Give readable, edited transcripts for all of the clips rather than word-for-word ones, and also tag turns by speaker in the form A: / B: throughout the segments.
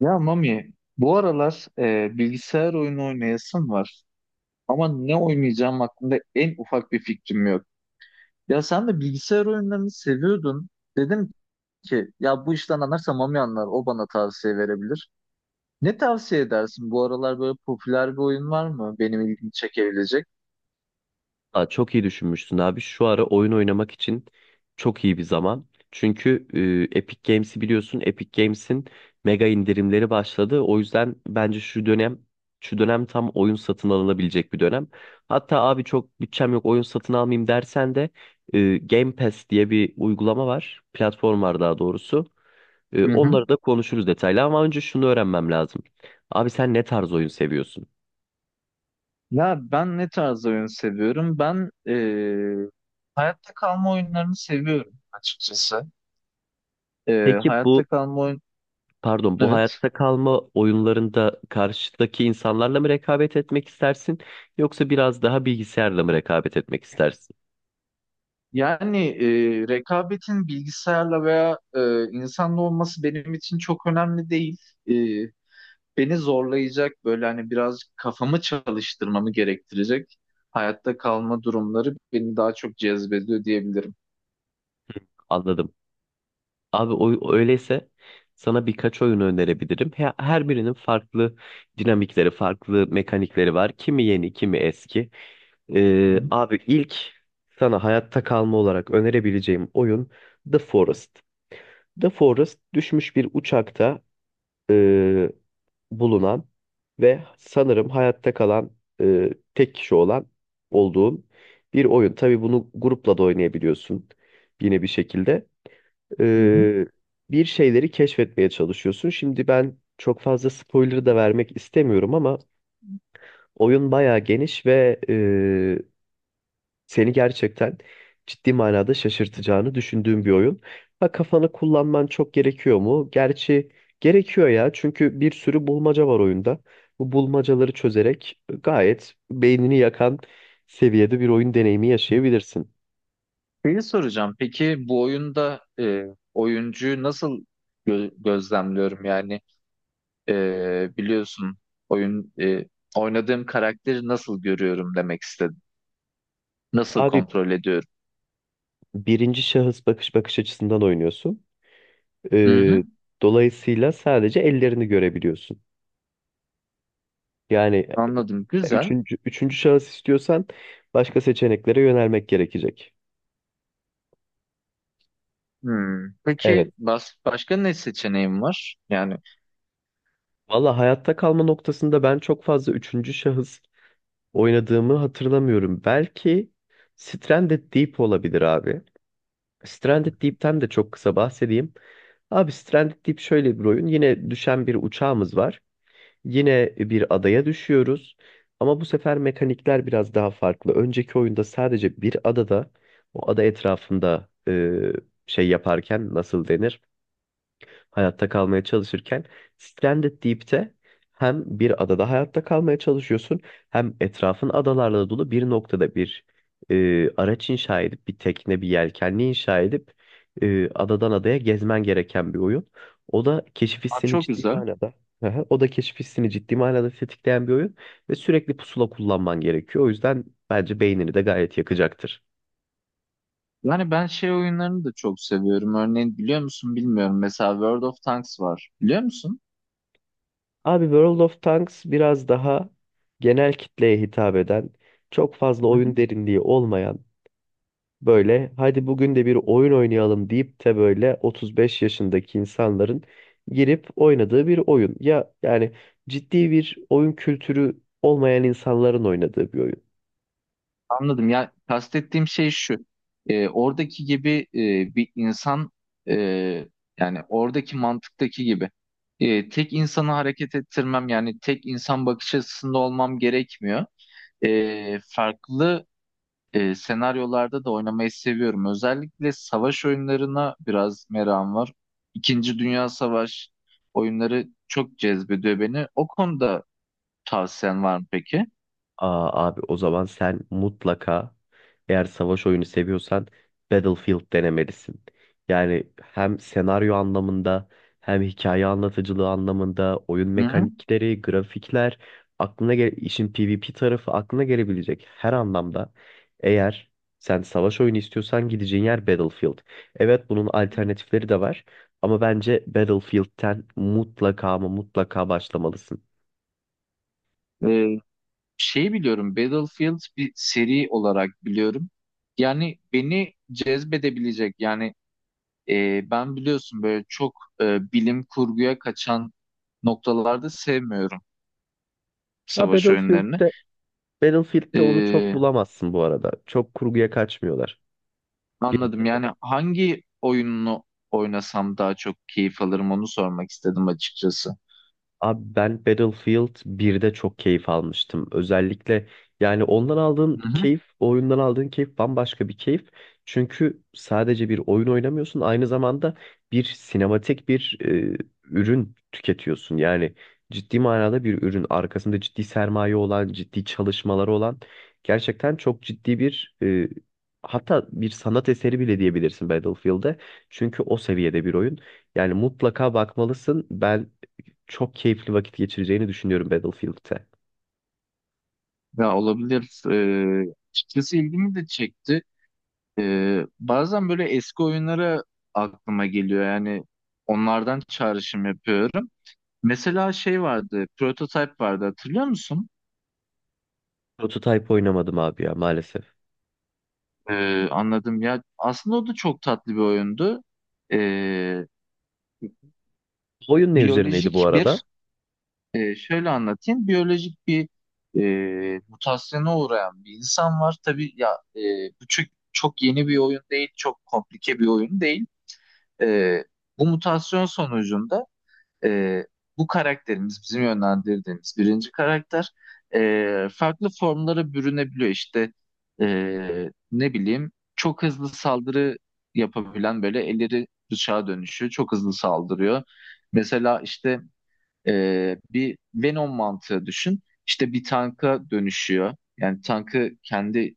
A: Ya Mami, bu aralar bilgisayar oyunu oynayasım var. Ama ne oynayacağım hakkında en ufak bir fikrim yok. Ya sen de bilgisayar oyunlarını seviyordun. Dedim ki ya bu işten anlarsa Mami anlar, o bana tavsiye verebilir. Ne tavsiye edersin? Bu aralar böyle popüler bir oyun var mı benim ilgimi çekebilecek?
B: Aa, çok iyi düşünmüşsün abi. Şu ara oyun oynamak için çok iyi bir zaman. Çünkü Epic Games'i biliyorsun. Epic Games'in mega indirimleri başladı. O yüzden bence şu dönem tam oyun satın alınabilecek bir dönem. Hatta abi çok bütçem yok, oyun satın almayayım dersen de Game Pass diye bir uygulama var. Platform var daha doğrusu.
A: Hı hı.
B: Onları da konuşuruz detaylı ama önce şunu öğrenmem lazım. Abi sen ne tarz oyun seviyorsun?
A: Ya ben ne tarz oyun seviyorum? Ben hayatta kalma oyunlarını seviyorum açıkçası. E,
B: Peki
A: hayatta
B: bu
A: kalma oyun...
B: Pardon, bu
A: Evet.
B: hayatta kalma oyunlarında karşıdaki insanlarla mı rekabet etmek istersin yoksa biraz daha bilgisayarla mı rekabet etmek istersin?
A: Yani rekabetin bilgisayarla veya insanla olması benim için çok önemli değil. E, Beni zorlayacak böyle hani birazcık kafamı çalıştırmamı gerektirecek hayatta kalma durumları beni daha çok cezbediyor diyebilirim.
B: Anladım. Abi öyleyse sana birkaç oyun önerebilirim. Her birinin farklı dinamikleri, farklı mekanikleri var. Kimi yeni, kimi eski.
A: Hı
B: Abi ilk sana hayatta kalma olarak önerebileceğim oyun The Forest. The Forest, düşmüş bir uçakta ee, bulunan ve sanırım hayatta kalan e, tek kişi olduğun bir oyun. Tabii bunu grupla da oynayabiliyorsun yine bir şekilde.
A: hı, hı hı.
B: E, Bir şeyleri keşfetmeye çalışıyorsun. Şimdi ben çok fazla spoiler da vermek istemiyorum ama oyun bayağı geniş ve seni gerçekten ciddi manada şaşırtacağını düşündüğüm bir oyun. Ha, kafanı kullanman çok gerekiyor mu? Gerçi gerekiyor ya, çünkü bir sürü bulmaca var oyunda. Bu bulmacaları çözerek gayet beynini yakan seviyede bir oyun deneyimi yaşayabilirsin.
A: Şeyi soracağım. Peki bu oyunda oyuncuyu nasıl gözlemliyorum? Yani biliyorsun oyun e, oynadığım karakteri nasıl görüyorum demek istedim. Nasıl
B: Abi
A: kontrol ediyorum?
B: birinci şahıs bakış açısından oynuyorsun.
A: Hı hı,
B: Ee, Dolayısıyla sadece ellerini görebiliyorsun. Yani
A: anladım. Güzel.
B: üçüncü şahıs istiyorsan başka seçeneklere yönelmek gerekecek.
A: Hmm.
B: Evet.
A: Peki başka ne seçeneğim var? Yani
B: Valla hayatta kalma noktasında ben çok fazla üçüncü şahıs oynadığımı hatırlamıyorum. Belki Stranded Deep olabilir abi. Stranded Deep'ten de çok kısa bahsedeyim. Abi Stranded Deep şöyle bir oyun. Yine düşen bir uçağımız var. Yine bir adaya düşüyoruz. Ama bu sefer mekanikler biraz daha farklı. Önceki oyunda sadece bir adada, o ada etrafında şey yaparken, nasıl denir, hayatta kalmaya çalışırken, Stranded Deep'te hem bir adada hayatta kalmaya çalışıyorsun hem etrafın adalarla dolu bir noktada bir araç inşa edip, bir tekne, bir yelkenli inşa edip adadan adaya gezmen gereken bir oyun. O da keşif
A: aa,
B: hissini
A: çok
B: ciddi
A: güzel.
B: manada Aha, o da keşif hissini ciddi manada tetikleyen bir oyun ve sürekli pusula kullanman gerekiyor. O yüzden bence beynini de gayet yakacaktır.
A: Yani ben şey oyunlarını da çok seviyorum. Örneğin biliyor musun bilmiyorum. Mesela World of Tanks var. Biliyor musun?
B: Abi World of Tanks biraz daha genel kitleye hitap eden, çok fazla
A: Hı
B: oyun
A: hı.
B: derinliği olmayan, böyle hadi bugün de bir oyun oynayalım deyip de böyle 35 yaşındaki insanların girip oynadığı bir oyun. Ya yani ciddi bir oyun kültürü olmayan insanların oynadığı bir oyun.
A: Anladım. Ya kastettiğim şey şu. Oradaki gibi bir insan, e, yani oradaki mantıktaki gibi tek insanı hareket ettirmem, yani tek insan bakış açısında olmam gerekmiyor. Farklı senaryolarda da oynamayı seviyorum. Özellikle savaş oyunlarına biraz merakım var. İkinci Dünya Savaşı oyunları çok cezbediyor beni. O konuda tavsiyen var mı peki?
B: Aa, abi o zaman sen mutlaka, eğer savaş oyunu seviyorsan, Battlefield denemelisin. Yani hem senaryo anlamında hem hikaye anlatıcılığı anlamında, oyun
A: Hı hı.
B: mekanikleri, grafikler, aklına gel işin PvP tarafı, aklına gelebilecek her anlamda, eğer sen savaş oyunu istiyorsan gideceğin yer Battlefield. Evet, bunun alternatifleri de var ama bence Battlefield'ten mutlaka ama mutlaka başlamalısın.
A: E, Şeyi biliyorum, Battlefield bir seri olarak biliyorum. Yani beni cezbedebilecek, yani ben biliyorsun böyle çok bilim kurguya kaçan noktalarda sevmiyorum
B: Ha,
A: savaş oyunlarını.
B: Battlefield'te onu çok
A: E,
B: bulamazsın bu arada. Çok kurguya kaçmıyorlar. Bir,
A: Anladım. Yani hangi oyununu oynasam daha çok keyif alırım onu sormak istedim açıkçası.
B: Abi ben Battlefield birde çok keyif almıştım. Özellikle yani
A: Hı hı.
B: o oyundan aldığın keyif bambaşka bir keyif. Çünkü sadece bir oyun oynamıyorsun, aynı zamanda bir sinematik bir ürün tüketiyorsun. Yani ciddi manada bir ürün, arkasında ciddi sermaye olan, ciddi çalışmaları olan, gerçekten çok ciddi bir hatta bir sanat eseri bile diyebilirsin Battlefield'e. Çünkü o seviyede bir oyun. Yani mutlaka bakmalısın. Ben çok keyifli vakit geçireceğini düşünüyorum Battlefield'te.
A: Ya olabilir. Açıkçası ilgimi de çekti. Bazen böyle eski oyunlara aklıma geliyor. Yani onlardan çağrışım yapıyorum. Mesela şey vardı, Prototype vardı, hatırlıyor musun?
B: Prototype oynamadım abi ya, maalesef.
A: Anladım. Ya aslında o da çok tatlı bir oyundu. Ee,
B: Oyun ne üzerineydi bu
A: biyolojik
B: arada?
A: bir Şöyle anlatayım. Biyolojik bir, mutasyona uğrayan bir insan var. Tabii ya, e, bu çok, çok yeni bir oyun değil, çok komplike bir oyun değil. Ee, Bu mutasyon sonucunda e, bu karakterimiz, bizim yönlendirdiğimiz birinci karakter farklı formlara bürünebiliyor. İşte ne bileyim, çok hızlı saldırı yapabilen, böyle elleri bıçağa dönüşüyor. Çok hızlı saldırıyor. Mesela işte bir Venom mantığı düşün. İşte bir tanka dönüşüyor. Yani tankı kendi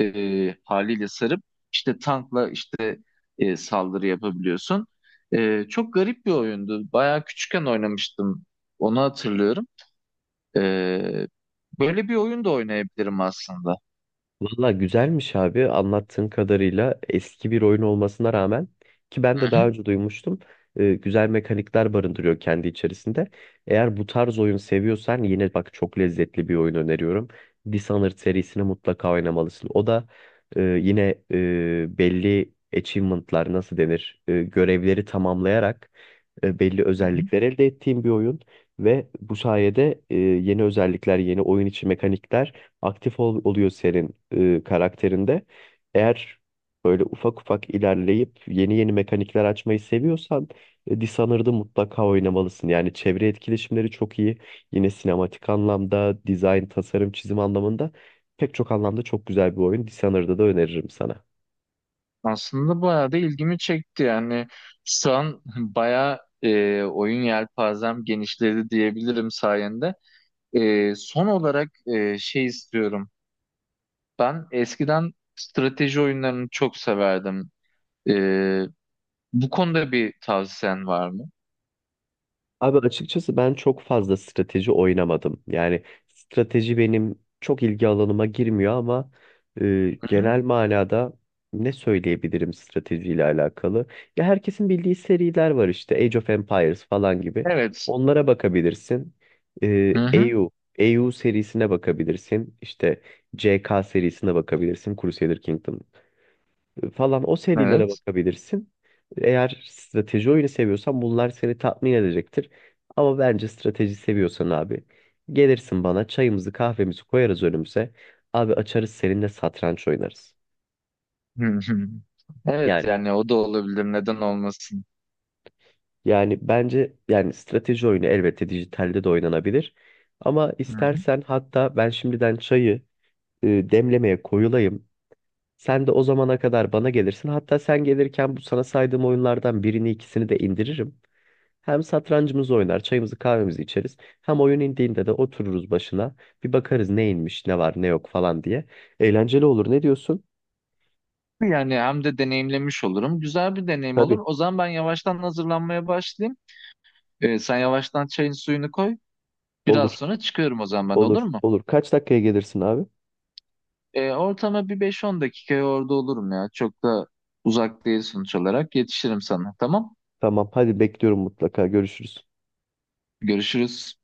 A: haliyle sarıp, işte tankla işte saldırı yapabiliyorsun. Çok garip bir oyundu. Bayağı küçükken oynamıştım. Onu hatırlıyorum. Ee, Böyle bir oyun da oynayabilirim aslında.
B: Valla güzelmiş abi, anlattığın kadarıyla eski bir oyun olmasına rağmen, ki ben de
A: Hı hı.
B: daha önce duymuştum, güzel mekanikler barındırıyor kendi içerisinde. Eğer bu tarz oyun seviyorsan yine bak, çok lezzetli bir oyun öneriyorum. Dishonored serisini mutlaka oynamalısın. O da belli achievement'lar, nasıl denir, görevleri tamamlayarak belli
A: Hı hı.
B: özellikler elde ettiğim bir oyun ve bu sayede yeni özellikler, yeni oyun içi mekanikler oluyor senin karakterinde. Eğer böyle ufak ufak ilerleyip yeni yeni mekanikler açmayı seviyorsan Dishonored'ı mutlaka oynamalısın. Yani çevre etkileşimleri çok iyi. Yine sinematik anlamda, dizayn, tasarım, çizim anlamında, pek çok anlamda çok güzel bir oyun. Dishonored'ı da öneririm sana.
A: Aslında bayağı da ilgimi çekti. Yani şu an bayağı oyun yelpazem genişledi diyebilirim sayende. Son olarak şey istiyorum. Ben eskiden strateji oyunlarını çok severdim. Ee, Bu konuda bir tavsiyen var mı?
B: Abi açıkçası ben çok fazla strateji oynamadım. Yani strateji benim çok ilgi alanıma girmiyor ama
A: Hı-hı.
B: genel manada ne söyleyebilirim stratejiyle alakalı? Ya herkesin bildiği seriler var, işte Age of Empires falan gibi.
A: Evet.
B: Onlara bakabilirsin. E,
A: Hı-hı.
B: EU, EU serisine bakabilirsin. İşte CK serisine bakabilirsin. Crusader Kingdom falan, o serilere
A: Evet.
B: bakabilirsin. Eğer strateji oyunu seviyorsan bunlar seni tatmin edecektir. Ama bence strateji seviyorsan abi, gelirsin bana, çayımızı kahvemizi koyarız önümüze. Abi açarız seninle, satranç oynarız.
A: Hı-hı. Evet,
B: Yani
A: yani o da olabilir. Neden olmasın?
B: Yani bence, yani strateji oyunu elbette dijitalde de oynanabilir. Ama
A: Hı-hı.
B: istersen hatta ben şimdiden çayı demlemeye koyulayım. Sen de o zamana kadar bana gelirsin. Hatta sen gelirken bu sana saydığım oyunlardan birini ikisini de indiririm. Hem satrancımızı oynar, çayımızı kahvemizi içeriz. Hem oyun indiğinde de otururuz başına. Bir bakarız ne inmiş, ne var, ne yok falan diye. Eğlenceli olur. Ne diyorsun?
A: Yani hem de deneyimlemiş olurum. Güzel bir deneyim olur.
B: Tabii.
A: O zaman ben yavaştan hazırlanmaya başlayayım. Sen yavaştan çayın suyunu koy. Biraz
B: Olur,
A: sonra çıkıyorum, o zaman ben, olur
B: olur,
A: mu?
B: olur. Kaç dakikaya gelirsin abi?
A: Ortama bir 5-10 dakikaya orada olurum ya. Çok da uzak değil sonuç olarak. Yetişirim sana. Tamam.
B: Tamam, hadi bekliyorum mutlaka. Görüşürüz.
A: Görüşürüz.